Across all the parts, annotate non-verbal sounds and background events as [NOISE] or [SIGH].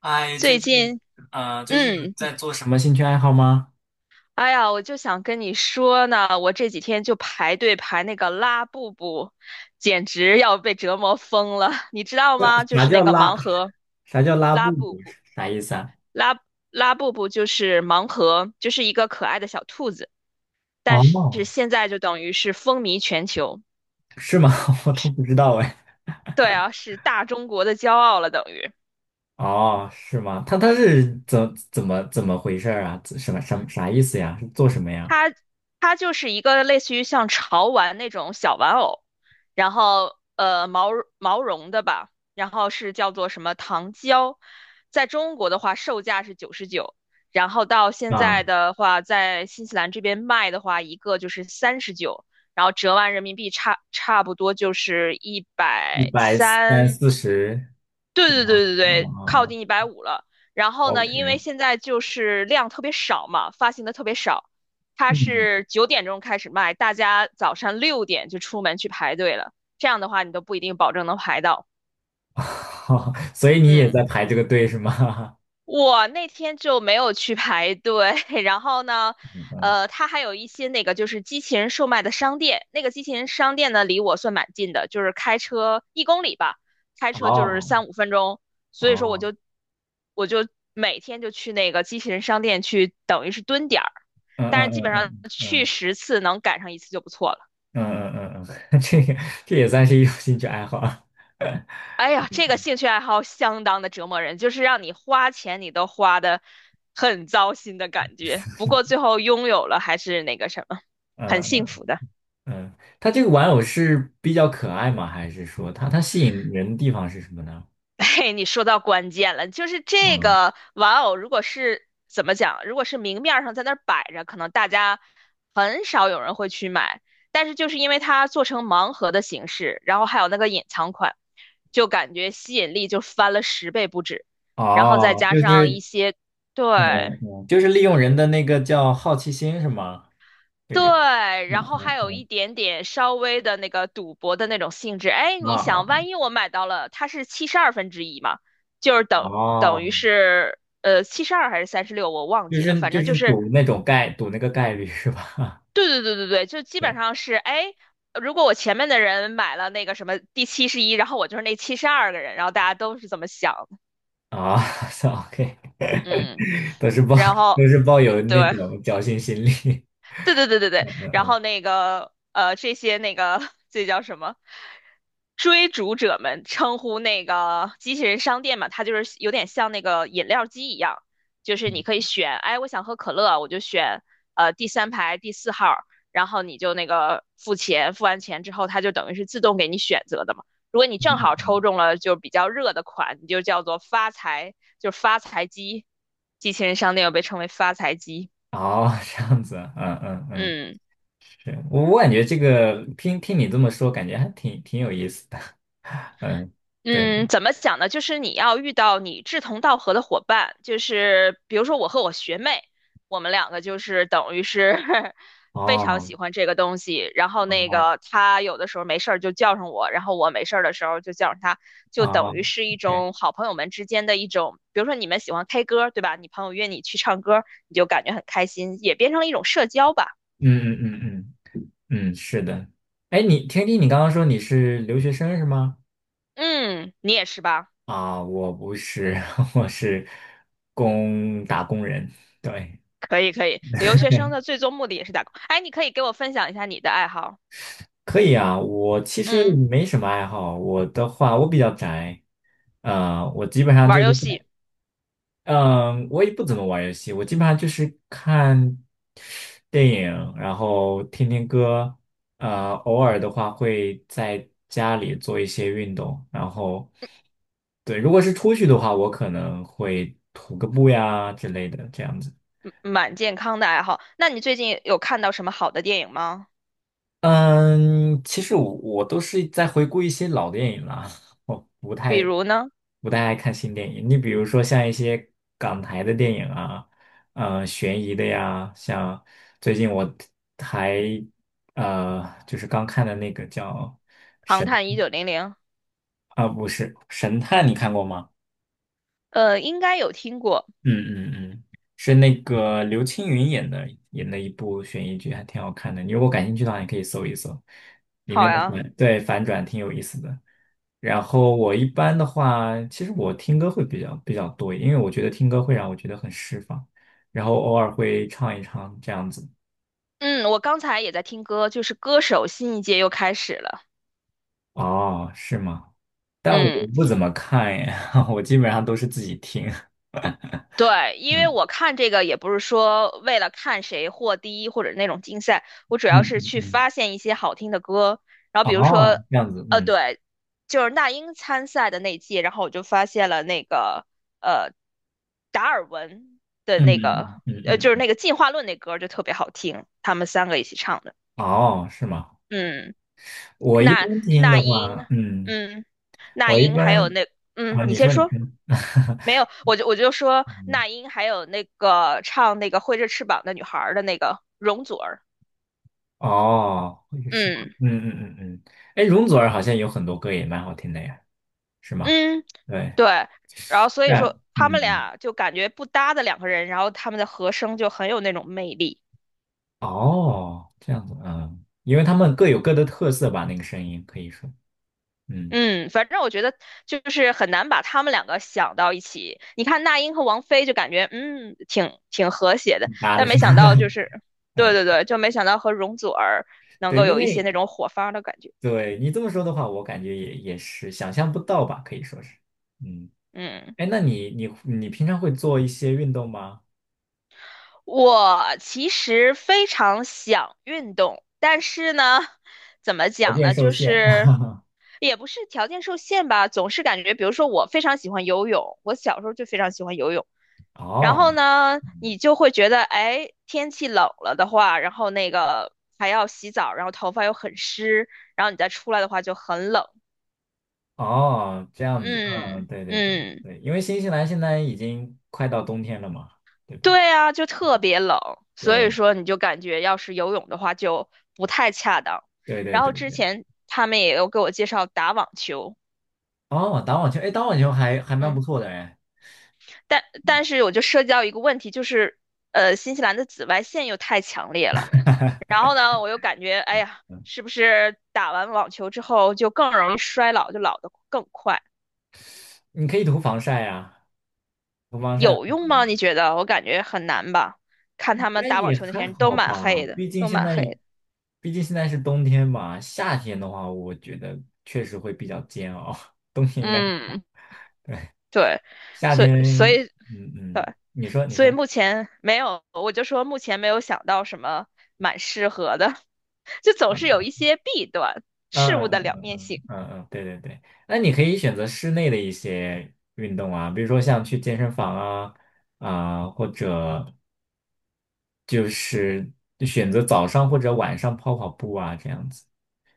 哎，最近，最近有嗯，在做什么兴趣爱好吗？哎呀，我就想跟你说呢，我这几天就排队排那个拉布布，简直要被折磨疯了，[LAUGHS] 你知道吗？就啥是那叫个拉？盲盒啥叫拉拉布布布？布，啥意思啊？拉拉布布就是盲盒，就是一个可爱的小兔子，但是哦，现在就等于是风靡全球，是吗？[LAUGHS] 我都不知道哎。对啊，是大中国的骄傲了，等于。哦，是吗？他是怎么回事儿啊？怎什么什么啥意思呀？是做什么呀？它它就是一个类似于像潮玩那种小玩偶，然后毛绒的吧，然后是叫做什么糖胶，在中国的话售价是99，然后到现在啊，的话，在新西兰这边卖的话，一个就是39，然后折完人民币差不多就是一一百百三三四十对是对吗？对对啊对，靠啊啊近150了。然后呢，因为，OK，现在就是量特别少嘛，发行的特别少，它嗯，是9点钟开始卖，大家早上6点就出门去排队了。这样的话，你都不一定保证能排到。[LAUGHS] 所以你也嗯。在排这个队是吗？我那天就没有去排队，[LAUGHS] 然后呢，[LAUGHS] 嗯，它还有一些那个就是机器人售卖的商店，那个机器人商店呢离我算蛮近的，就是开车1公里吧，开车就是哦三五分钟，所以说我哦，就我就每天就去那个机器人商店去，等于是蹲点儿，嗯但是嗯基本上嗯嗯去嗯。10次能赶上一次就不错了。嗯嗯嗯嗯，[LAUGHS] 这也算是一种兴趣爱好啊。[LAUGHS] 哎呀，这个兴趣爱好相当的折磨人，就是让你花钱你都花的很糟心的感觉。不过最后拥有了还是那个什么，嗯很幸嗯福的。嗯，它这个玩偶是比较可爱吗？还是说它吸引人的地方是什么呢？[LAUGHS] 嘿，你说到关键了，就是这嗯，个玩偶，如果是怎么讲，如果是明面儿上在那儿摆着，可能大家很少有人会去买。但是就是因为它做成盲盒的形式，然后还有那个隐藏款，就感觉吸引力就翻了10倍不止。然后再哦，加上一些，嗯对。就是利用人的那个叫好奇心是吗？这对，个，嗯然后还有嗯一点点稍微的那个赌博的那种性质。哎，嗯，你啊想，万一我买到了，它是1/72嘛，就是啊等等于哦，是呃七十二还是36，我忘就记了，是反就正就是是。赌那个概率是吧？对对对对对，就 [LAUGHS] 基本对上是哎，如果我前面的人买了那个什么第71，然后我就是那72个人，然后大家都是这么想的。啊 [LAUGHS] 算，OK，嗯，[LAUGHS] 都是抱然后都是抱有对，那种侥幸心理。对对对对对，然后那个这些那个 [LAUGHS] 这叫什么？追逐者们称呼那个机器人商店嘛，它就是有点像那个饮料机一样，就 [LAUGHS] 是你可以嗯选，哎，我想喝可乐，我就选第3排第4号儿然后你就那个付钱，付完钱之后，它就等于是自动给你选择的嘛。如果你正嗯好嗯抽中了就比较热的款，你就叫做发财，就是发财机。机器人商店又被称为发财机，哦，这样子啊嗯嗯嗯，嗯。是我感觉这个听听你这么说，感觉还挺有意思的，嗯，对，嗯，怎么讲呢？就是你要遇到你志同道合的伙伴，就是比如说我和我学妹，我们两个就是等于是 [LAUGHS] 非常哦，喜欢这个东西。然后那哦，个她有的时候没事儿就叫上我，然后我没事儿的时候就叫上她，就等哦于是一，OK，种好朋友们之间的一种，比如说你们喜欢 K 歌，对吧？你朋友约你去唱歌，你就感觉很开心，也变成了一种社交吧。嗯嗯嗯嗯嗯，是的，哎，你天地，你刚刚说你是留学生是吗？嗯，你也是吧？啊，我不是，[LAUGHS] 我是打工人，对，可以可以，留学生的最终目的也是打工。哎，你可以给我分享一下你的爱好。可以啊，我其实嗯，没什么爱好，我的话我比较宅，我基本上玩就儿是。游戏嗯，我也不怎么玩游戏，我基本上就是看电影，然后听听歌，偶尔的话会在家里做一些运动，然后，对，如果是出去的话，我可能会徒个步呀之类的，这样子。嗯蛮健康的爱好。那你最近有看到什么好的电影吗？嗯，其实我都是在回顾一些老电影啦，[LAUGHS] 比如呢，不太爱看新电影。你比如说像一些港台的电影啊，悬疑的呀，像最近我还就是刚看的那个叫《唐探1900》，啊，不是神探，你看过吗？应该有听过。嗯嗯嗯，是那个刘青云演的一部悬疑剧，还挺好看的。你如果感兴趣的话，你可以搜一搜，里面好的呀，反转挺有意思的。然后我一般的话，其实我听歌会比较多一点因为我觉得听歌会让我觉得很释放，然后偶尔会唱一唱这样子。嗯，我刚才也在听歌，就是歌手新一届又开始了。哦，是吗？但我嗯，不怎么看耶，[LAUGHS] 我基本上都是自己听。对，因为嗯我看这个也不是说为了看谁获第一或者那种竞赛，我主嗯要是嗯去嗯。发现一些好听的歌。然后比如说，哦，这样子，嗯对，就是那英参赛的那届，然后我就发现了那个。呃达尔文的嗯那个，嗯嗯就嗯。是嗯那个进化论那歌就特别好听，他们3个一起唱的。哦，是吗？嗯，我一那般听那的英，话，嗯，那我一英还有般那，啊，你你先说你说。听。没有，[LAUGHS] 我就说那英还有那个唱那个挥着翅膀的女孩儿的那个容祖儿，哦，哦也是吗？嗯嗯嗯嗯嗯，哎，容祖儿好像有很多歌也蛮好听的呀，是吗？嗯，对，对，然后所以但说他们嗯，俩就感觉不搭的两个人，然后他们的和声就很有那种魅力。哦，这样子，嗯，因为他们各有各的特色吧，那个声音可以说，嗯，嗯，反正我觉得就是很难把他们两个想到一起。你看那英和王菲就感觉挺和谐的，拉的但是没吧，想到 [LAUGHS] 就是，对嗯，对对，就没想到和容祖儿能对，够因有一些为那种火花的感觉。对你这么说的话，我感觉也是想象不到吧，可以说是，嗯，嗯，哎，那你平常会做一些运动吗？我其实非常想运动，但是呢，怎么条讲件呢，受就限，是也不是条件受限吧，总是感觉，比如说我非常喜欢游泳，我小时候就非常喜欢游泳。[LAUGHS] 然哦。后呢，嗯你就会觉得，哎，天气冷了的话，然后那个还要洗澡，然后头发又很湿，然后你再出来的话就很冷。哦，这样子，嗯，嗯对对对嗯，对，因为新西兰现在已经快到冬天了嘛，对吧？对啊，就特别冷，所以对说你就感觉要是游泳的话就不太恰当。对对然对后之对。前他们也有给我介绍打网球，哦，打网球，哎，打网球还蛮不嗯，错的哎，但嗯但是我就涉及到一个问题，就是新西兰的紫外线又太强烈了。然后呢，我又感觉，哎呀，嗯，是不是打完网球之后就更容易衰老，就老得更快？你可以涂防晒呀，涂防晒的有话用吗？你觉得？我感觉很难吧。看应他们该打网也球那些还人都好蛮黑吧，的，毕竟都现蛮在黑的。毕竟现在是冬天嘛，夏天的话，我觉得确实会比较煎熬，[LAUGHS] 冬天应该，嗯，对，夏所以所天，以嗯嗯，对，你说你所以说。目前没有，我就说目前没有想到什么蛮适合的，[LAUGHS] 就总是有一些弊端，事嗯物的嗯嗯两嗯面性。嗯嗯嗯，对对对，那你可以选择室内的一些运动啊，比如说像去健身房啊啊，或者就是就选择早上或者晚上跑跑步啊这样子，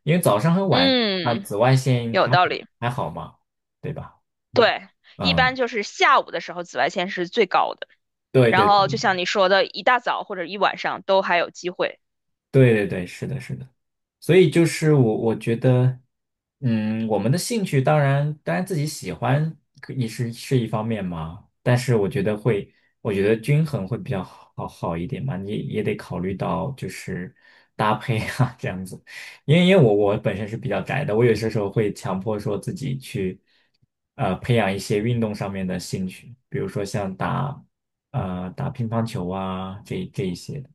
因为早上和啊嗯，紫外线有还道理。还好嘛，对吧？对，一般嗯，就是下午的时候紫外线是最高的。对然对后就像你说的，一大早或者一晚上都还有机会。对对对，是的，是的。所以就是我觉得，嗯，我们的兴趣当然自己喜欢可也是一方面嘛，但是我觉得会，我觉得均衡会比较好一点嘛，你也得考虑到就是搭配啊 [LAUGHS] 这样子，因为我本身是比较宅的，我有些时候会强迫说自己去培养一些运动上面的兴趣，比如说像打乒乓球啊这一些的。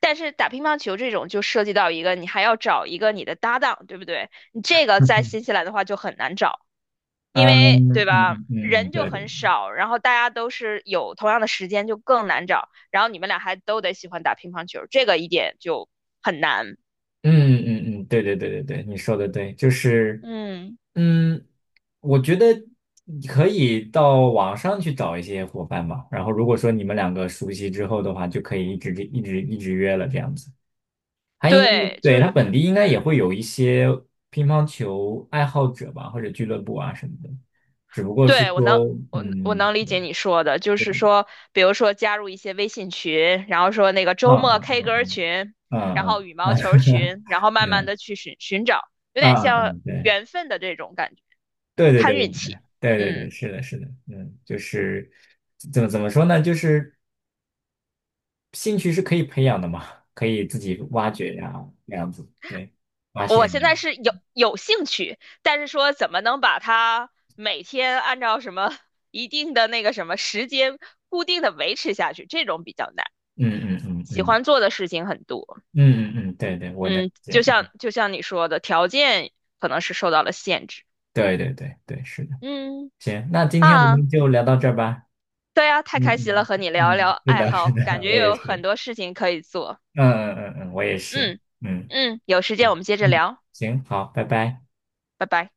但是打乒乓球这种就涉及到一个，你还要找一个你的搭档，对不对？你这 [LAUGHS] 个在嗯新西兰的话就很难找，因嗯为对嗯吧，嗯嗯，人就对对很少，然后大家都是有同样的时间，就更难找。然后你们俩还都得喜欢打乒乓球，这个一点就很难。嗯嗯嗯，对对对对对，你说的对，就是，嗯，嗯，我觉得你可以到网上去找一些伙伴嘛，然后如果说你们两个熟悉之后的话，就可以一直一直一直约了这样子。他应该，对，就对，是他本地应该也嗯。会有一些乒乓球爱好者吧，或者俱乐部啊什么的，只不过是对，我能，说，我我嗯，能理解你说的，就对，是说，比如说加入一些微信群，然后说那个嗯周末 嗯 K 嗯歌群，嗯然嗯后羽毛球嗯群，然后慢慢嗯的去寻找，有点嗯，像嗯对。缘分的这种感觉，对对对看对运气。对对对对，嗯，是的，是的，嗯，就是怎么说呢？就是兴趣是可以培养的嘛，可以自己挖掘呀、这样子，对，发我现在现，是有兴趣，但是说怎么能把它每天按照什么一定的那个什么时间固定的维持下去，这种比较难。嗯嗯嗯喜嗯欢做的事情很多。嗯嗯嗯，对对，我能理嗯，就解，像就像你说的，条件可能是受到了限制。对对对对，是的，嗯行，那今天我啊，们就聊到这儿吧，对啊，太嗯开心了，嗯和你聊一聊嗯，是爱的，是好，感的，觉我也有很是，多事情可以做。嗯嗯嗯嗯，我也是，嗯嗯有时间我嗯们接着嗯，聊，行，好，拜拜。拜拜。